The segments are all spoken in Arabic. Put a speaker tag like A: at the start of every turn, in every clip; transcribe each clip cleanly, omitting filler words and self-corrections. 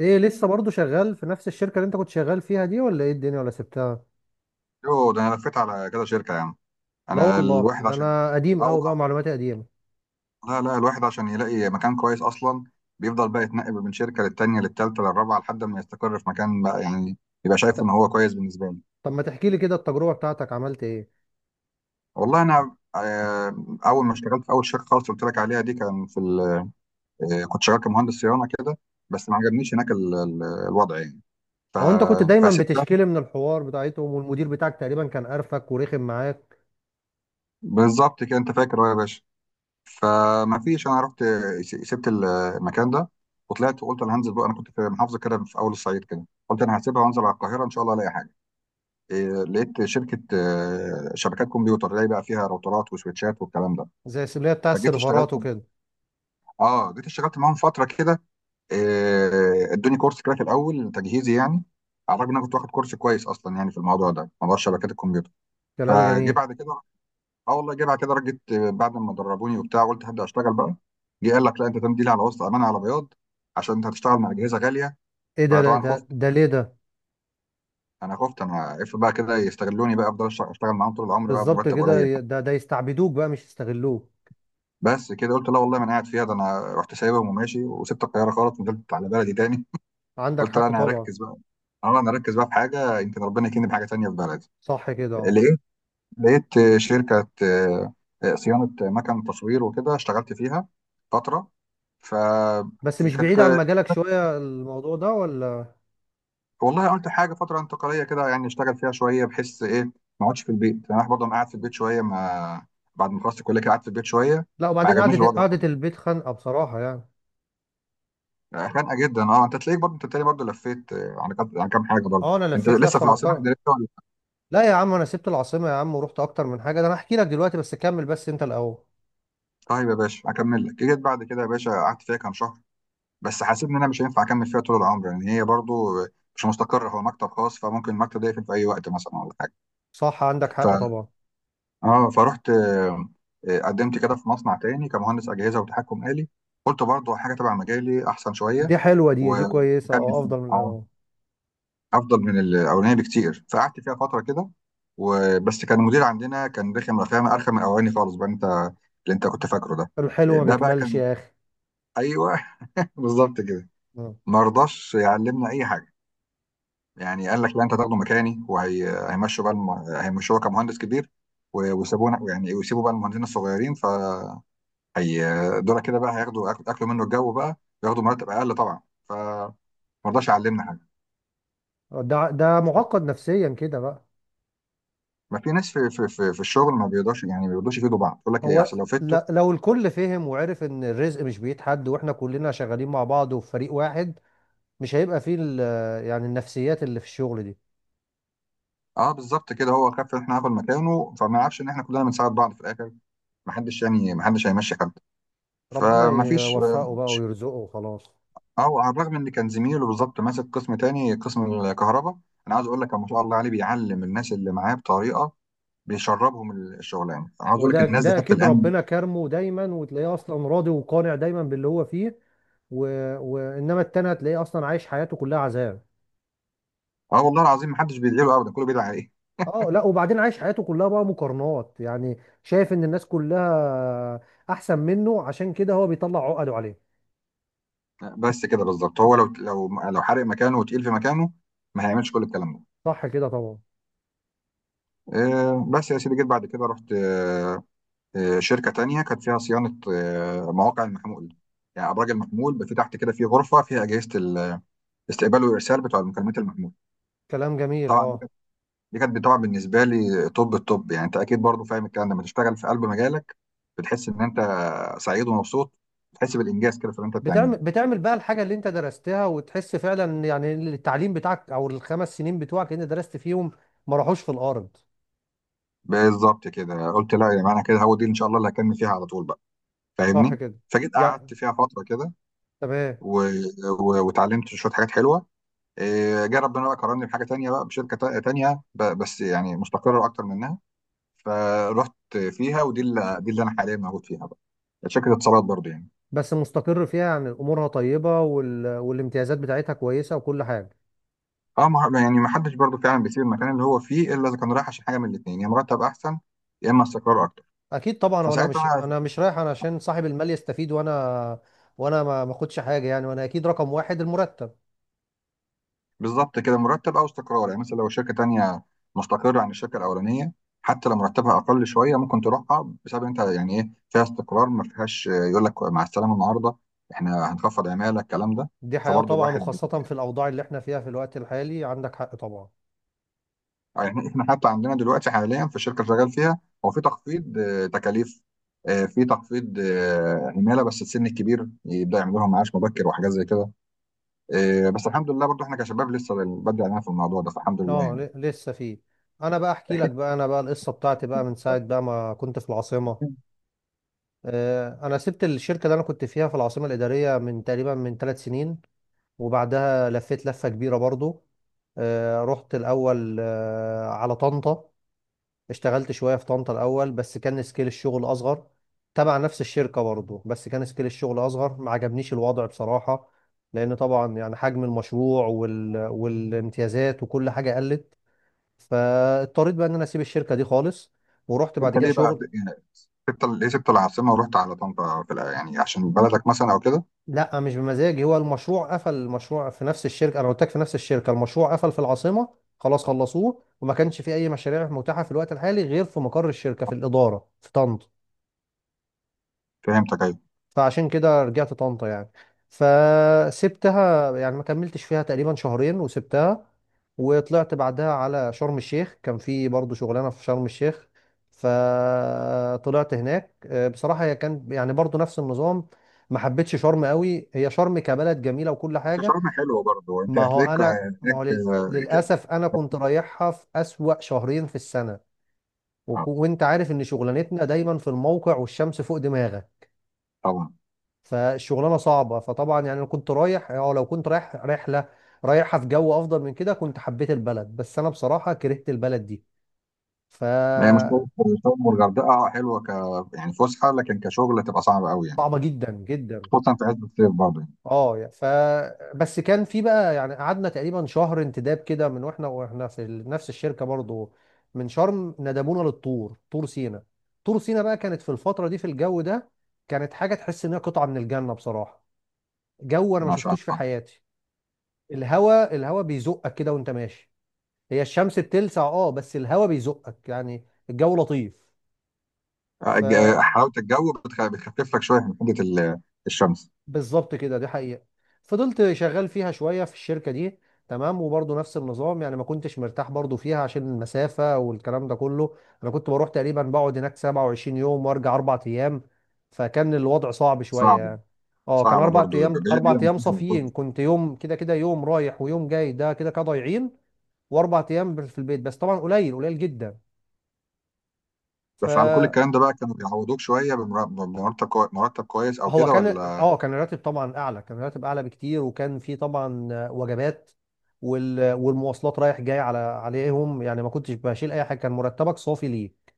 A: ايه لسه برضو شغال في نفس الشركة اللي انت كنت شغال فيها دي، ولا ايه الدنيا، ولا سبتها؟
B: يوه، ده انا لفيت على كذا شركه يا عم.
A: لا
B: انا
A: والله،
B: الواحد
A: ده
B: عشان
A: انا قديم
B: اه
A: قوي بقى،
B: والله
A: معلوماتي قديمة.
B: لا الواحد عشان يلاقي مكان كويس اصلا بيفضل بقى يتنقل من شركه للتانيه للتالته للرابعه لحد ما يستقر في مكان بقى، يعني يبقى شايف ان
A: ت-
B: هو كويس بالنسبه له.
A: طب ما تحكي لي كده التجربة بتاعتك عملت ايه؟
B: والله انا اول ما اشتغلت في اول شركه خالص قلت لك عليها دي، كان في كنت شغال كمهندس صيانه كده، بس ما عجبنيش هناك الوضع يعني. ف...
A: ما هو انت كنت دايما
B: فسبتها.
A: بتشكيلي من الحوار بتاعتهم، والمدير بتاعك تقريبا كان قرفك ورخم معاك.
B: بالظبط كده، انت فاكر أهو يا باشا. فما فيش، انا رحت سبت المكان ده وطلعت وقلت انا هنزل بقى. انا كنت في محافظه كده في اول الصعيد كده، قلت انا هسيبها وانزل على القاهره ان شاء الله الاقي حاجه. لقيت شركه شبكات كمبيوتر، اللي هي بقى فيها راوترات وسويتشات والكلام ده.
A: زي السبلية بتاع
B: فجيت اشتغلت
A: السيرفرات وكده.
B: اه جيت اشتغلت معاهم فتره كده. ادوني كورس كده في الاول تجهيزي يعني، على الرغم ان انا كنت واخد كورس كويس اصلا يعني في الموضوع ده، موضوع شبكات الكمبيوتر.
A: كلام
B: فجي
A: جميل.
B: بعد كده اه والله جه بعد كده رجت بعد ما دربوني وبتاع، قلت هبدا اشتغل بقى. جه قال لك لا، انت تمديلي على وسط امانه على بياض، عشان انت هتشتغل مع اجهزه غاليه.
A: ايه ده؟ لا،
B: فطبعا
A: ده
B: خفت.
A: ده ليه ده؟
B: انا خفت، انا اف بقى كده يستغلوني بقى، افضل اشتغل معاهم طول العمر بقى
A: بالظبط
B: بمرتب
A: كده.
B: قليل.
A: ده يستعبدوك بقى، مش يستغلوك.
B: بس كده قلت لا والله ما انا قاعد فيها. ده انا رحت سايبهم وماشي، وسبت القاهره خالص ونزلت على بلدي تاني.
A: عندك
B: قلت لا،
A: حق
B: انا
A: طبعا.
B: هركز بقى. اه انا هركز بقى في حاجه، يمكن ربنا يكرمني بحاجه تانيه في بلدي.
A: صح كده، اه.
B: لقيت، لقيت شركه صيانه مكن تصوير وكده، اشتغلت فيها فتره. ف
A: بس مش
B: كانت،
A: بعيد عن مجالك شوية الموضوع ده، ولا؟
B: والله قلت حاجه فتره انتقاليه كده يعني اشتغل فيها شويه، بحس ايه، ما اقعدش في البيت يعني. انا برضه انا قاعد في البيت شويه، ما بعد ما خلصت الكليه كده قعدت في البيت شويه.
A: لا،
B: ما
A: وبعدين
B: عجبنيش
A: قعدة
B: الوضع
A: قعدة
B: خالص،
A: البيت خانقة بصراحة يعني.
B: يعني خانقه جدا. اه، انت تلاقيك برضه، انت تاني برضه لفيت على كام، على كام حاجه برضه.
A: اه انا
B: انت
A: لفيت
B: لسه في
A: لفه
B: العاصمه
A: محترمه.
B: الاداريه ولا؟
A: لا يا عم، انا سبت العاصمه يا عم، ورحت اكتر من حاجه، ده انا هحكي لك دلوقتي، بس كمل بس انت الاول.
B: طيب يا باشا اكمل لك، جيت بعد كده يا باشا قعدت فيها كام شهر، بس حسيت ان انا مش هينفع اكمل فيها طول العمر يعني. هي برضه مش مستقره، هو مكتب خاص، فممكن المكتب ده يقفل في اي وقت مثلا، ولا حاجه.
A: صح، عندك حق طبعا.
B: اه فرحت آه، آه، قدمت كده في مصنع تاني كمهندس اجهزه وتحكم آلي. قلت برضه حاجه تبع مجالي احسن
A: دي
B: شويه.
A: حلوه دي
B: و-
A: دي كويسه،
B: واكمل
A: اه،
B: فيه
A: افضل من
B: اه،
A: الاول.
B: افضل من الاولاني بكتير. فقعدت فيها فتره كده، وبس كان المدير عندنا كان رخم، رخامه ارخم من الاولاني خالص بقى، انت اللي انت كنت فاكره ده.
A: الحلو ما
B: ده بقى
A: بيكملش
B: كان
A: يا اخي.
B: ايوه، بالظبط كده.
A: مم.
B: ما رضاش يعلمنا اي حاجه، يعني قال لك لا، انت هتاخده مكاني وهيمشوا بقى هيمشوه كمهندس كبير، ويسيبونا يعني، ويسيبوا بقى المهندسين الصغيرين. هي دول كده بقى هياخدوا اكلوا منه الجو بقى، ياخدوا مرتب اقل طبعا. فما رضاش يعلمنا حاجه.
A: ده معقد نفسيا كده بقى.
B: ما في ناس في الشغل ما بيقدرش يعني، ما بيقدرش يفيدوا بعض، يقول لك ايه
A: هو
B: عشان لو فدته.
A: لو الكل فهم وعرف ان الرزق مش بيد حد، واحنا كلنا شغالين مع بعض وفي فريق واحد، مش هيبقى فيه يعني النفسيات اللي في الشغل دي.
B: اه بالظبط كده، هو خاف ان احنا هناخد مكانه، فما يعرفش ان احنا كلنا بنساعد بعض في الاخر. ما حدش يعني، ما حدش هيمشي حد.
A: ربنا
B: فما فيش
A: يوفقه بقى ويرزقه وخلاص.
B: على الرغم ان كان زميله بالظبط ماسك قسم تاني، قسم الكهرباء، انا عايز اقول لك ما شاء الله عليه بيعلم الناس اللي معاه بطريقه، بيشربهم الشغلانه. عاوز اقول لك
A: وده
B: الناس دي
A: ده
B: حتى
A: اكيد
B: الان
A: ربنا كرمه دايما، وتلاقيه اصلا راضي وقانع دايما باللي هو فيه. و... وانما التاني هتلاقيه اصلا عايش حياته كلها عذاب.
B: اه والله العظيم محدش بيدعي له ابدا، كله بيدعي عليه.
A: اه، لا وبعدين عايش حياته كلها بقى مقارنات يعني، شايف ان الناس كلها احسن منه، عشان كده هو بيطلع عقده عليه.
B: بس كده بالظبط، هو لو حارق مكانه وتقيل في مكانه، ما هيعملش كل الكلام ده.
A: صح كده طبعا.
B: بس يا سيدي، جيت بعد كده رحت شركه تانية كانت فيها صيانه مواقع المحمول، يعني ابراج المحمول بقى، في تحت كده في غرفه فيها اجهزه الاستقبال والارسال بتوع المكالمات المحمول.
A: كلام جميل،
B: طبعا دي
A: اه.
B: كانت، دي كانت طبعا بالنسبه لي طب الطب يعني، انت اكيد برضو فاهم الكلام ده، لما تشتغل في قلب مجالك بتحس ان انت سعيد ومبسوط، بتحس بالانجاز كده في اللي انت بتعمله.
A: بتعمل بقى الحاجة اللي انت درستها، وتحس فعلا يعني إن التعليم بتاعك او الخمس سنين بتوعك اللي انت درست فيهم ما راحوش في الارض.
B: بالظبط كده قلت لا يا جماعه، انا كده هو دي ان شاء الله اللي هكمل فيها على طول بقى،
A: صح
B: فاهمني.
A: كده
B: فجيت
A: يعني،
B: قعدت فيها فتره كده،
A: تمام.
B: و... واتعلمت شويه حاجات حلوه. جه ربنا بقى كرمني بحاجه تانية بقى، بشركه تانية، بس يعني مستقره اكتر منها. فرحت فيها، ودي اللي، دي اللي انا حاليا موجود فيها بقى، شركه اتصالات برضه يعني.
A: بس مستقر فيها يعني، امورها طيبه والامتيازات بتاعتها كويسه وكل حاجه.
B: اه ما... يعني ما حدش برضه فعلا بيسيب المكان اللي هو فيه، الا اذا كان رايح عشان حاجه من الاثنين، يا مرتب احسن يا اما استقرار اكتر.
A: اكيد طبعا، وانا مش
B: فساعتها
A: انا مش رايح انا عشان صاحب المال يستفيد، وانا وانا ما اخدش حاجه يعني، وانا اكيد رقم واحد المرتب.
B: بالظبط كده، مرتب او استقرار. يعني مثلا لو شركه تانية مستقره عن الشركه الاولانيه، حتى لو مرتبها اقل شويه ممكن تروحها بسبب، انت يعني، ايه فيها استقرار، ما فيهاش يقول لك مع السلامه النهارده احنا هنخفض عماله الكلام ده.
A: دي حياه
B: فبرضه
A: طبعا، وخاصه في الاوضاع اللي احنا فيها في الوقت الحالي، عندك حق طبعا.
B: يعني احنا حتى عندنا دلوقتي حاليا في الشركه اللي شغال فيها هو، في تخفيض تكاليف، في تخفيض عماله، بس السن الكبير يبدا يعمل لهم معاش مبكر وحاجات زي كده. بس الحمد لله برضه احنا كشباب لسه بدري علينا في الموضوع ده، فالحمد لله
A: اه،
B: يعني.
A: لسه فيه. انا بقى احكي لك بقى، انا بقى القصه بتاعتي بقى من ساعه بقى ما كنت في العاصمه. انا سبت الشركه اللي انا كنت فيها في العاصمه الاداريه من تقريبا من 3 سنين، وبعدها لفيت لفه كبيره برضو. رحت الأول على طنطا، اشتغلت شوية في طنطا الأول، بس كان سكيل الشغل أصغر، تبع نفس الشركة برضه. بس كان سكيل الشغل أصغر، ما عجبنيش الوضع بصراحة، لأن طبعا يعني حجم المشروع والامتيازات وكل حاجة قلت. فاضطريت بقى إن أنا أسيب الشركة دي خالص، ورحت
B: انت
A: بعد كده
B: ليه بقى
A: شغل.
B: يعني سبت ليه سبت العاصمه ورحت على طنطا في يعني عشان بلدك مثلا او كده؟
A: لا مش بمزاجي، هو المشروع قفل، المشروع في نفس الشركه، انا قلت لك في نفس الشركه المشروع قفل في العاصمه. خلاص خلصوه، وما كانش في اي مشاريع متاحه في الوقت الحالي غير في مقر الشركه في الاداره في طنطا.
B: فهمتك، ايوه.
A: فعشان كده رجعت طنطا يعني، فسبتها يعني، ما كملتش فيها تقريبا شهرين وسبتها. وطلعت بعدها على شرم الشيخ، كان في برضه شغلانه في شرم الشيخ. فطلعت هناك، بصراحه هي كان يعني برضه نفس النظام. ما حبيتش شرم قوي، هي شرم كبلد جميله وكل
B: بس
A: حاجه.
B: شرم حلوه برضه، انت
A: ما هو
B: هتلاقيك
A: انا، ما
B: هناك
A: هو
B: آه، كده.
A: للاسف انا كنت رايحها في اسوأ شهرين في السنه.
B: آه،
A: وانت عارف ان شغلانتنا دايما في الموقع والشمس فوق دماغك،
B: طبعا.
A: فالشغلانه صعبه. فطبعا يعني انا كنت رايح، او لو كنت رايح رحله رايحها في جو افضل من كده كنت حبيت البلد، بس انا بصراحه كرهت البلد دي،
B: ما هي مش
A: فصعبه.
B: شرم، شرم والغردقه حلوه ك، يعني فسحه، لكن كشغل تبقى صعبه قوي يعني،
A: جدا جدا،
B: خصوصا في عز الصيف برضه يعني.
A: اه. بس كان في بقى يعني، قعدنا تقريبا شهر انتداب كده، من واحنا في نفس الشركه برضو، من شرم ندبونا للطور، طور سينا. طور سينا بقى كانت في الفتره دي في الجو ده كانت حاجه، تحس ان هي قطعه من الجنه بصراحه. جو انا ما
B: ما شاء
A: شفتوش في
B: الله.
A: حياتي. الهوا بيزقك كده وانت ماشي، هي الشمس بتلسع اه، بس الهوا بيزقك يعني، الجو لطيف.
B: حلاوه الجو بتخفف لك شويه من حده الشمس.
A: بالظبط كده، دي حقيقة. فضلت شغال فيها شوية في الشركة دي، تمام. وبرضه نفس النظام يعني، ما كنتش مرتاح برضه فيها عشان المسافة والكلام ده كله. انا كنت بروح تقريبا، بقعد هناك 27 يوم وارجع 4 ايام، فكان الوضع صعب شوية
B: صعبه،
A: يعني. اه كان
B: صعبه
A: اربع
B: برضه، بعيد،
A: ايام
B: بعيد
A: اربع
B: يعني
A: ايام
B: عن أهلك
A: صافيين،
B: برضه.
A: كنت يوم كده كده يوم رايح ويوم جاي ده كده كده ضايعين، واربع ايام في البيت بس، طبعا قليل قليل جدا. ف
B: بس على كل الكلام ده بقى، كانوا بيعوضوك شويه مرتب كويس او
A: هو
B: كده
A: كان
B: ولا؟
A: اه، كان الراتب طبعا اعلى، كان الراتب اعلى بكتير، وكان في طبعا وجبات والمواصلات رايح جاي على عليهم يعني، ما كنتش بشيل اي حاجه، كان مرتبك صافي ليه.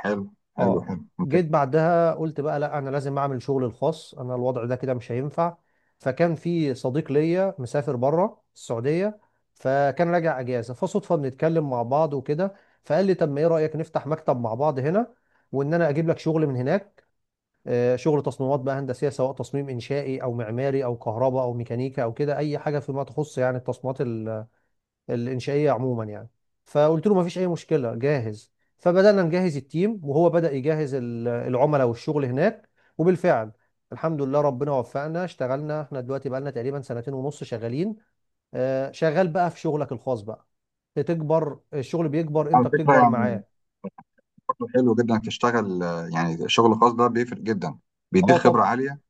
B: حلو، حلو،
A: اه،
B: حلو، ممتاز.
A: جيت بعدها قلت بقى لا، انا لازم اعمل شغل الخاص، انا الوضع ده كده مش هينفع. فكان في صديق ليا مسافر بره السعوديه، فكان راجع اجازه، فصدفه بنتكلم مع بعض وكده، فقال لي طب ما ايه رايك نفتح مكتب مع بعض هنا، وان انا اجيب لك شغل من هناك. شغل تصميمات بقى هندسيه، سواء تصميم انشائي او معماري او كهرباء او ميكانيكا او كده، اي حاجه فيما تخص يعني التصميمات الانشائيه عموما يعني. فقلت له ما فيش اي مشكله، جاهز. فبدانا نجهز التيم، وهو بدا يجهز العملاء والشغل هناك. وبالفعل الحمد لله ربنا وفقنا، اشتغلنا احنا دلوقتي بقالنا تقريبا سنتين ونص شغالين. شغال بقى في شغلك الخاص بقى، بتكبر الشغل بيكبر، انت
B: على فكرة
A: بتكبر
B: يعني
A: معاه.
B: برضه حلو جدا إنك تشتغل يعني شغل خاص، ده بيفرق جدا،
A: اه
B: بيديك خبرة
A: طبعا،
B: عالية.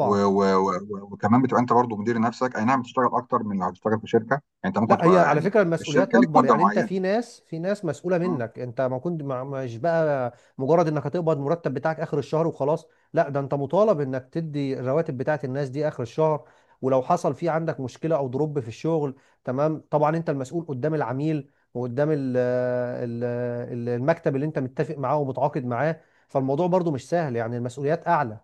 B: و و و و وكمان بتبقى انت برضه مدير نفسك، اي نعم بتشتغل اكتر من لو هتشتغل في شركة، يعني انت ممكن
A: لا هي
B: تبقى
A: على
B: يعني
A: فكرة
B: في
A: المسؤوليات
B: الشركة ليك
A: أكبر
B: مدة
A: يعني، أنت
B: معينة.
A: في ناس، في ناس مسؤولة
B: مم.
A: منك، أنت ما كنت مش بقى مجرد إنك هتقبض مرتب بتاعك آخر الشهر وخلاص. لا، ده أنت مطالب إنك تدي الرواتب بتاعت الناس دي آخر الشهر، ولو حصل في عندك مشكلة أو ضرب في الشغل، تمام طبعا أنت المسؤول قدام العميل، وقدام المكتب اللي أنت متفق معاه ومتعاقد معاه. فالموضوع برضو مش سهل يعني، المسؤوليات أعلى.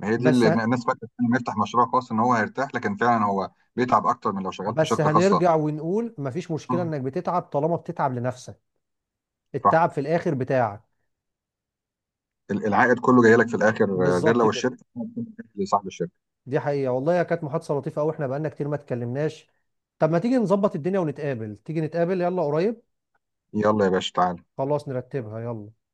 B: ما هي دي
A: بس
B: اللي الناس فاكرة انه يفتح مشروع خاص ان هو هيرتاح، لكن فعلا هو بيتعب اكتر من لو شغال في
A: بس
B: شركة خاصة.
A: هنرجع ونقول مفيش مشكلة
B: مم.
A: إنك بتتعب طالما بتتعب لنفسك،
B: صح.
A: التعب في الآخر بتاعك.
B: ال- العائد كله جاي لك في الاخر غير
A: بالظبط
B: لو
A: كده،
B: الشركة لصاحب الشركة.
A: دي حقيقة والله. هي كانت محادثة لطيفة قوي، احنا بقالنا كتير ما اتكلمناش. طب ما تيجي نظبط الدنيا ونتقابل، تيجي نتقابل يلا قريب.
B: يلا يا باشا تعالى.
A: خلاص نرتبها يلا.